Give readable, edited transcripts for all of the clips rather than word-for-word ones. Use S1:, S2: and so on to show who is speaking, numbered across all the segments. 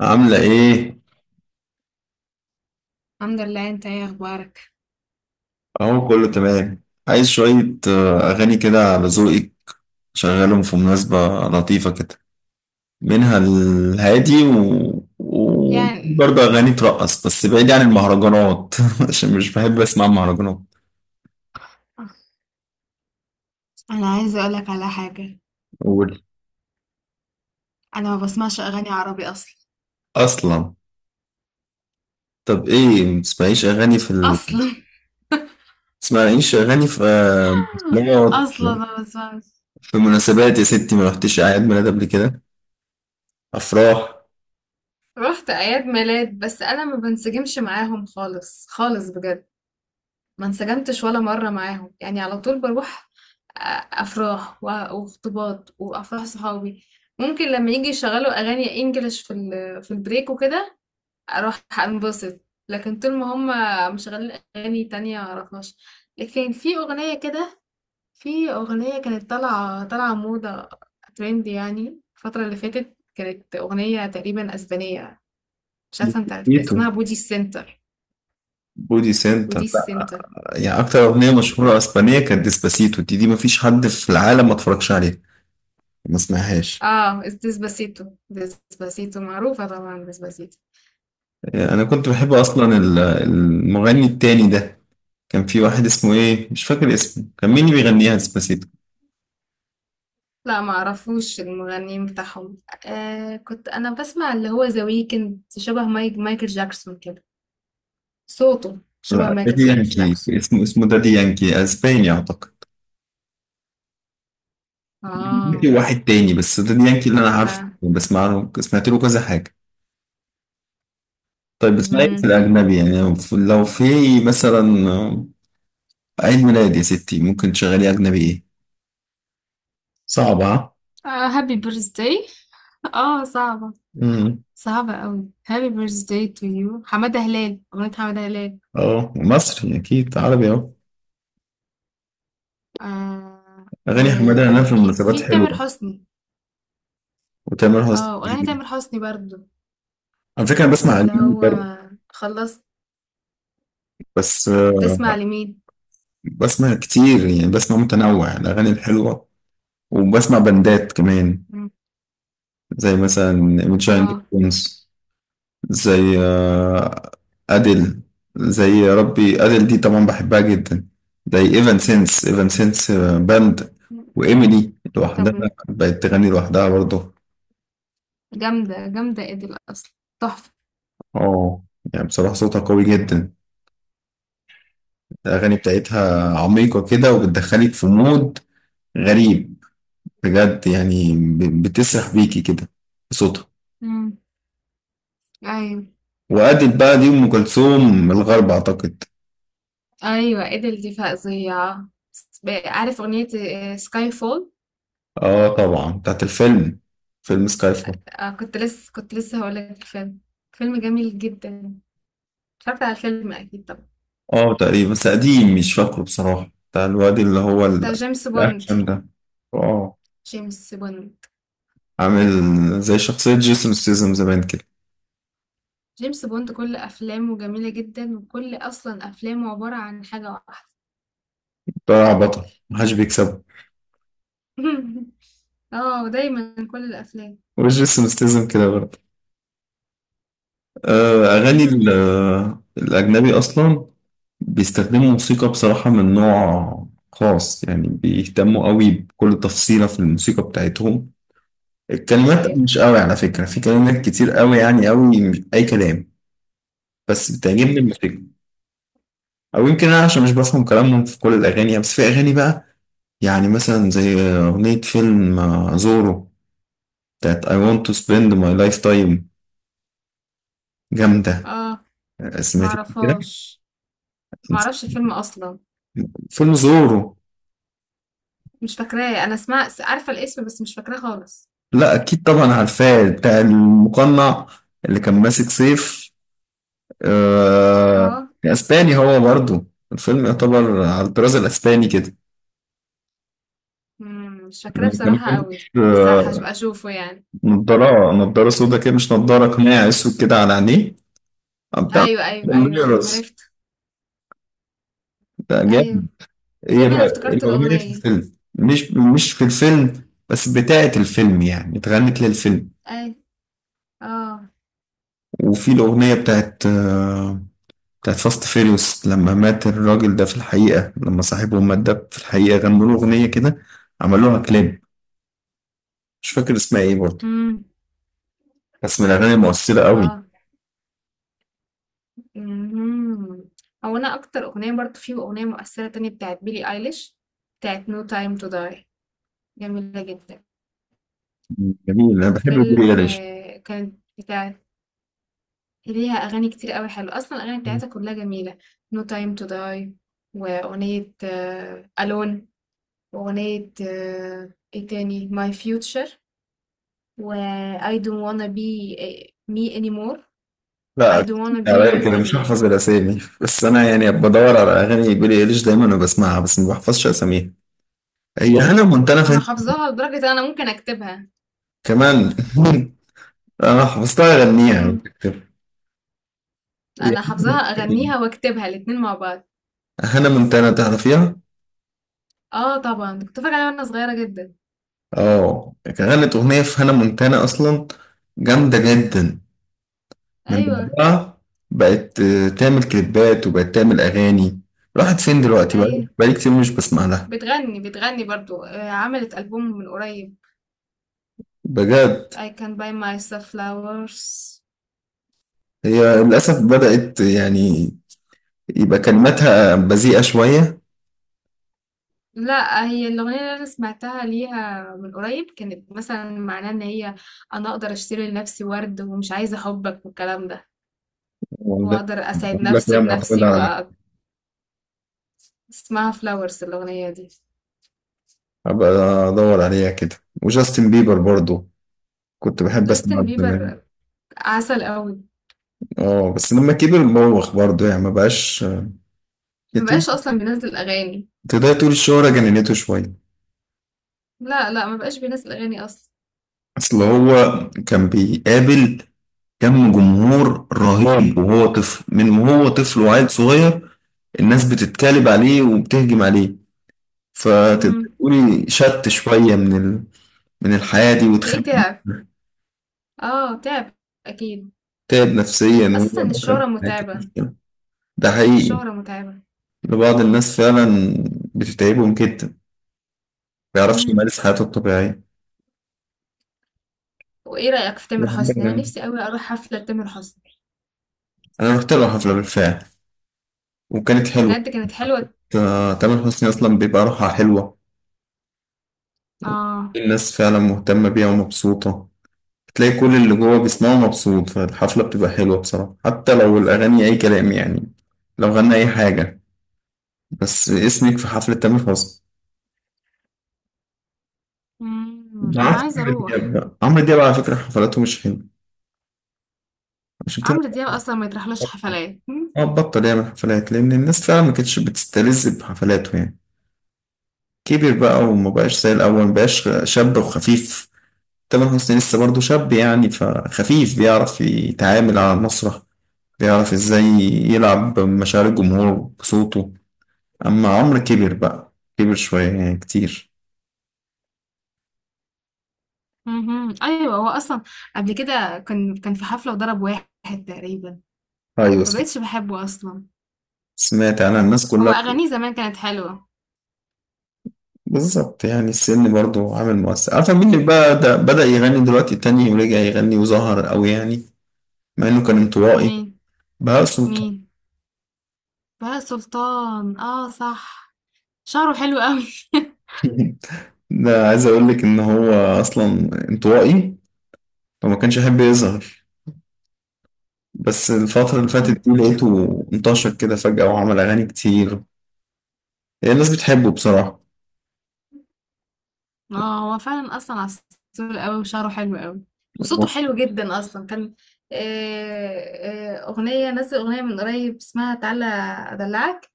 S1: عاملة إيه؟
S2: الحمد لله. انت ايه اخبارك؟
S1: أهو كله تمام. عايز شوية. أغاني كده على ذوقك، شغالهم في مناسبة لطيفة كده، منها الهادي و...
S2: يعني،
S1: وبرضه أغاني ترقص، بس بعيد عن المهرجانات عشان مش بحب أسمع مهرجانات.
S2: انا عايزه اقولك على حاجه.
S1: قول.
S2: انا ما بسمعش اغاني عربي اصلا.
S1: أصلا؟ طب إيه متسمعيش أغاني في
S2: اصلا
S1: متسمعيش أغاني في مناسبات؟
S2: اصلا ما بسمعش.
S1: في مناسبات يا ستي، ما رحتش أعياد ميلاد قبل كده؟ أفراح؟
S2: رحت اعياد ميلاد، بس انا ما بنسجمش معاهم خالص خالص بجد. ما انسجمتش ولا مره معاهم، يعني على طول بروح. أ- افراح وخطوبات وافراح صحابي. ممكن لما يجي يشغلوا اغاني انجلش في البريك وكده اروح انبسط، لكن طول ما هم مشغلين اغاني تانية معرفهاش. لكن في اغنية كده، في اغنية كانت طالعة موضة، ترند يعني. الفترة اللي فاتت كانت اغنية تقريبا اسبانية، مش عارفة، انت عارف
S1: بوتيتو،
S2: اسمها بودي سنتر؟
S1: بودي سنتر.
S2: بودي سنتر.
S1: يعني اكتر اغنيه مشهوره اسبانيه كانت ديسباسيتو، دي مفيش حد في العالم ما اتفرجش عليها، ما سمعهاش.
S2: اه، ديسباسيتو. ديسباسيتو معروفة طبعا، ديسباسيتو.
S1: انا كنت بحب اصلا المغني التاني ده، كان في واحد اسمه ايه، مش فاكر اسمه، كان مين اللي بيغنيها ديسباسيتو.
S2: لا، ما اعرفوش المغنيين بتاعهم. آه، كنت انا بسمع اللي هو ذا ويكند، شبه مايكل جاكسون كده. صوته شبه
S1: لا
S2: مايكل
S1: دادي يانكي
S2: جاكسون.
S1: اسمه دادي يانكي، اسباني اعتقد.
S2: اه.
S1: في واحد تاني، بس دادي يانكي اللي انا عارفه
S2: لا.
S1: بسمع له، سمعت له كذا حاجه. طيب بتسمعي إيه في
S2: مهم.
S1: الاجنبي يعني، لو في مثلا عيد ميلاد يا ستي، ممكن تشغلي اجنبي ايه؟ صعبه.
S2: آه، هابي بيرثداي. اه، صعبة.
S1: ها؟
S2: صعبة قوي. هابي بيرثداي تو يو. حمادة هلال. أغنية حمادة هلال.
S1: اه مصري اكيد، عربي اهو.
S2: آه.
S1: اغاني حماده انا في
S2: وفي
S1: المناسبات
S2: تامر
S1: حلوه.
S2: حسني.
S1: وتامر
S2: اه، أغنية
S1: حسني.
S2: تامر حسني برضو.
S1: على فكره انا بسمع
S2: اللي
S1: اجنبي
S2: هو
S1: برضه.
S2: خلصت.
S1: بس
S2: بتسمع لمين؟
S1: بسمع كتير يعني، بسمع متنوع الاغاني الحلوه، وبسمع بندات كمان،
S2: مم.
S1: زي مثلا ميتشاين
S2: اه.
S1: دراجونز، زي اديل، زي يا ربي اديل دي طبعا بحبها جدا، زي ايفان سينس، ايفان سينس باند، وايميلي
S2: طب.
S1: لوحدها بقت تغني لوحدها برضه.
S2: جامدة جامدة، ادل أصلا تحفة.
S1: اه، يعني بصراحه صوتها قوي جدا، الأغاني بتاعتها عميقة كده وبتدخلك في مود غريب، بجد يعني بتسرح بيكي كده بصوتها.
S2: مم. أيوة.
S1: وأدت بقى دي أم كلثوم الغرب أعتقد.
S2: ايوه، ادل دي فظيعه. عارف اغنيه سكاي فول؟
S1: آه طبعا بتاعت الفيلم، فيلم سكاي فول.
S2: كنت لسه هقول لك. الفيلم فيلم جميل جدا. اتفرجت على الفيلم اكيد طبعا.
S1: آه تقريبا، بس قديم مش فاكره بصراحة، بتاع الواد اللي هو
S2: بتاع جيمس بوند.
S1: الأكشن ده. آه،
S2: جيمس بوند
S1: عامل زي شخصية جيسون ستيزم زمان كده،
S2: جيمس بوند كل افلامه جميله جدا، وكل اصلا افلامه عباره عن حاجه واحده.
S1: طلع بطل محدش بيكسبه.
S2: اه، دايما كل الافلام.
S1: وجيسون ستيزم كده برضه. أغاني الأجنبي أصلا بيستخدموا موسيقى بصراحة من نوع خاص، يعني بيهتموا قوي بكل تفصيلة في الموسيقى بتاعتهم. الكلمات
S2: ايوه.
S1: مش قوي على فكرة، في كلمات كتير قوي يعني قوي مش أي كلام، بس بتعجبني
S2: أمم.
S1: الموسيقى. أو يمكن أنا عشان مش بفهم كلامهم في كل الأغاني يعني، بس في أغاني بقى، يعني مثلا زي أغنية فيلم زورو، بتاعت I want to spend my lifetime، جامدة.
S2: اه،
S1: سمعتها كده.
S2: معرفهاش. معرفش الفيلم اصلا.
S1: فيلم زورو.
S2: مش فاكراه، انا سمعت عارفه الاسم بس مش فاكراه خالص.
S1: لا اكيد طبعا عارفاه، بتاع المقنع اللي كان ماسك سيف. آه،
S2: اه.
S1: اسباني هو برضو، الفيلم يعتبر على الطراز الاسباني كده.
S2: امم. مش فاكراه
S1: لما
S2: بصراحة
S1: كان
S2: قوي،
S1: ماسك،
S2: بس
S1: آه،
S2: هبقى اشوفه يعني.
S1: نضاره سودا كده، مش نضاره، قناع اسود كده على عينيه. بتاع
S2: ايوه ايوه ايوه ايوه،
S1: ميرز،
S2: عرفت.
S1: ده جامد.
S2: ايوه،
S1: ايه
S2: تقريبا
S1: بقى
S2: افتكرت
S1: الاغنيه في
S2: الأغنية.
S1: الفيلم، مش في الفيلم، بس بتاعت الفيلم يعني، اتغنت للفيلم.
S2: ايوه. اه.
S1: وفي الاغنيه بتاعت بتاعت فاست فيريوس، لما مات الراجل ده في الحقيقة، لما صاحبهم مات ده في الحقيقة، غنوا له أغنية كده، عملوها كليب. مش فاكر اسمها إيه برضه،
S2: امم.
S1: بس من الأغاني المؤثرة قوي.
S2: اه. امم. هو انا اكتر أغنية برضو، في أغنية مؤثرة تانية بتاعت بيلي ايليش، بتاعت نو تايم تو داي، جميلة جدا.
S1: جميل، أنا بحب بيلي
S2: وفيلم
S1: إيليش.
S2: كانت بتاعت. ليها اغاني كتير قوي حلوة، اصلا الاغاني بتاعتها كلها جميلة. نو تايم تو داي، واغنية الون، وأغنية ايه تاني، My Future، و I don't wanna be me anymore. I
S1: لا
S2: don't
S1: كتير
S2: wanna be
S1: عليا
S2: you
S1: كده، مش
S2: anymore.
S1: هحفظ الأسامي، بس أنا يعني بدور على أغاني بيلي إيليش دايما وبسمعها، بس ما بحفظش أساميها. هي هانا مونتانا
S2: أنا
S1: فين
S2: حافظاها لدرجة إن أنا ممكن أكتبها.
S1: كمان؟ أنا حفظتها أغنيها.
S2: مم. أنا حافظاها، أغنيها وأكتبها الاتنين مع بعض.
S1: هانا مونتانا تعرفيها؟
S2: اه طبعا، كنت فاكرة عليها وأنا صغيرة جدا.
S1: اه، غنت أغنية في هانا مونتانا أصلا، جامدة جدا. من
S2: أيوة.
S1: بعدها بقت تعمل كليبات وبقت تعمل أغاني. راحت فين دلوقتي بقى،
S2: أيوة،
S1: بقالي كتير مش بسمع لها.
S2: بتغني برضو عملت ألبوم من قريب،
S1: بجد؟
S2: I can buy myself flowers.
S1: هي للأسف بدأت يعني يبقى كلماتها بذيئة شوية.
S2: لأ، هي الأغنية اللي أنا سمعتها ليها من قريب كانت مثلًا معناها إن هي، أنا أقدر أشتري لنفسي ورد ومش عايزة حُبّك والكلام ده،
S1: وده
S2: وأقدر أسعد
S1: بقول لك،
S2: نفسي
S1: هي معتمدة
S2: بنفسي
S1: على...
S2: وأ. اسمها flowers الأغنية دي.
S1: أبقى أدور عليها كده. وجاستن بيبر برضو كنت بحب أسمع
S2: جاستن
S1: زمان،
S2: بيبر عسل أوي،
S1: اه بس لما كبر بوخ برضو يعني، ما بقاش.
S2: ما بقاش أصلًا بينزّل أغاني.
S1: تقدر تقول الشهرة جننته شوية.
S2: لأ، لأ، ما بقاش بينزّل أغاني أصلًا.
S1: اصل هو كان بيقابل كم جمهور رهيب، وهو طفل، وهو طفل وعيل صغير، الناس بتتكالب عليه وبتهجم عليه، فتقدر
S2: إمم،
S1: تقولي شت شوية من من الحياة دي،
S2: تلاقيه
S1: واتخانق
S2: تعب.
S1: منها.
S2: آه، تعب أكيد.
S1: تعب نفسيا، وهو
S2: أساسًا
S1: دخل في
S2: الشهرة
S1: حاجة كده
S2: متعبة.
S1: مش كده. ده حقيقي،
S2: الشهرة متعبة.
S1: لبعض الناس فعلا بتتعبهم جدا، ما بيعرفش
S2: إمم،
S1: يمارس حياته الطبيعية.
S2: وإيه رأيك في تامر حسني؟ أنا نفسي أوي أروح حفلة لتامر حسني.
S1: أنا رحت له حفلة بالفعل، وكانت حلوة.
S2: بجد كانت حلوة؟
S1: تامر حسني أصلا بيبقى روحها حلوة،
S2: آه.
S1: الناس فعلا مهتمة بيها ومبسوطة، تلاقي كل اللي جوه بيسمعه مبسوط، فالحفلة بتبقى حلوة بصراحة، حتى لو الأغاني أي كلام يعني، لو غنى أي حاجة، بس اسمك في حفلة تامر حسني.
S2: إمم.
S1: ده
S2: أنا
S1: عكس
S2: عايزة
S1: عمرو دياب
S2: أروح.
S1: بقى، عمرو دياب على فكرة حفلاته مش حلوة، عشان كده
S2: عمرو دياب أصلًا ما يتراحلوش حفلات.
S1: هو بطل يعمل حفلات، لأن الناس فعلا ما كانتش بتستلذ بحفلاته يعني. كبر بقى وما بقاش زي الأول، ما بقاش شاب وخفيف. تامر حسني لسه برضه شاب يعني، فخفيف، بيعرف يتعامل على المسرح، بيعرف ازاي يلعب مشاعر الجمهور بصوته. اما عمرو كبر بقى، كبر شوية يعني كتير.
S2: اهم. أيوه، هو أصلًا قبل كده كان في حفلة وضرب واحد تقريبًا،
S1: ايوه،
S2: ما بقيتش باحبه أصلًا.
S1: سمعت انا الناس
S2: هو
S1: كلها.
S2: أغانيه زمان كانت حلوة.
S1: بالظبط يعني، السن برضو عامل مؤثر. عارفة مين اللي بقى ده بدأ يغني دلوقتي تاني ورجع يغني وظهر قوي يعني، مع انه كان انطوائي،
S2: مين؟
S1: بقى صوته...
S2: مين؟ بهاء سلطان، آه صح. شعره حلو أوي.
S1: ده عايز اقول لك ان هو اصلا انطوائي، فما كانش يحب يظهر، بس الفترة اللي فاتت دي لقيته انتشر كده فجأة وعمل اغاني كتير. يعني الناس بتحبه بصراحة.
S2: آه، هو فعلًا أصلًا عسول أوي، وشعره حلو أوي وصوته حلو جدًا أصلًا. كان آآ، أغنية، نزّل أغنية من قريب اسمها تعالَ أدلّعك.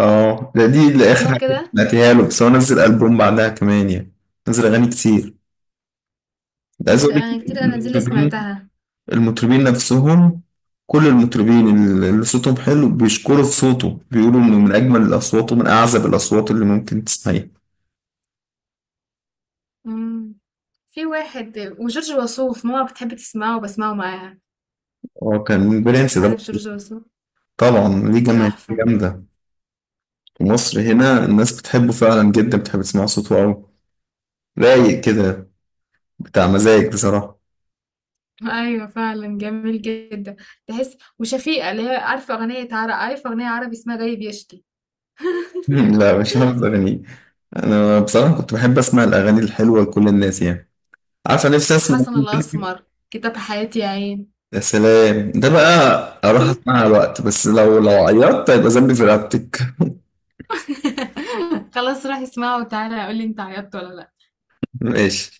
S1: اه ده، دي اللي اخر
S2: اسمها
S1: حاجه
S2: كده؟
S1: سمعتها له، بس هو نزل البوم بعدها كمان يعني، نزل اغاني كتير. ده عايز اقول لك
S2: أنا كتير الأنازيل اللي
S1: المطربين،
S2: سمعتها.
S1: المطربين نفسهم، كل المطربين اللي صوتهم حلو بيشكروا في صوته، بيقولوا انه من اجمل الاصوات ومن اعذب الاصوات اللي ممكن تسمعيها.
S2: مم. في واحد وجورج وسوف، ماما بتحب تسمعه وبسمعه معاها.
S1: هو كان برنس ده
S2: عارف جورج وسوف؟
S1: طبعا، ليه جماهير
S2: تحفة.
S1: جامده، في مصر هنا الناس بتحبه فعلا جدا، بتحب تسمع صوته قوي، رايق كده، بتاع مزاج بصراحه.
S2: أيوة فعلا جميل جدا. تحس وشفيقة اللي هي. عارفة أغنية عربي اسمها جاي بيشتي؟
S1: لا مش حافظ أغاني. أنا بصراحة كنت بحب أسمع الأغاني الحلوة لكل الناس يعني، عارفة نفسي أسمع.
S2: وحسن الأسمر، كتاب حياتي يا عين.
S1: يا سلام ده بقى، أروح أسمعها وقت، بس لو لو عيطت هيبقى ذنبي في رقبتك.
S2: خلاص، روح اسمعه وتعالى قولي انت عيطت ولا لأ.
S1: ماشي.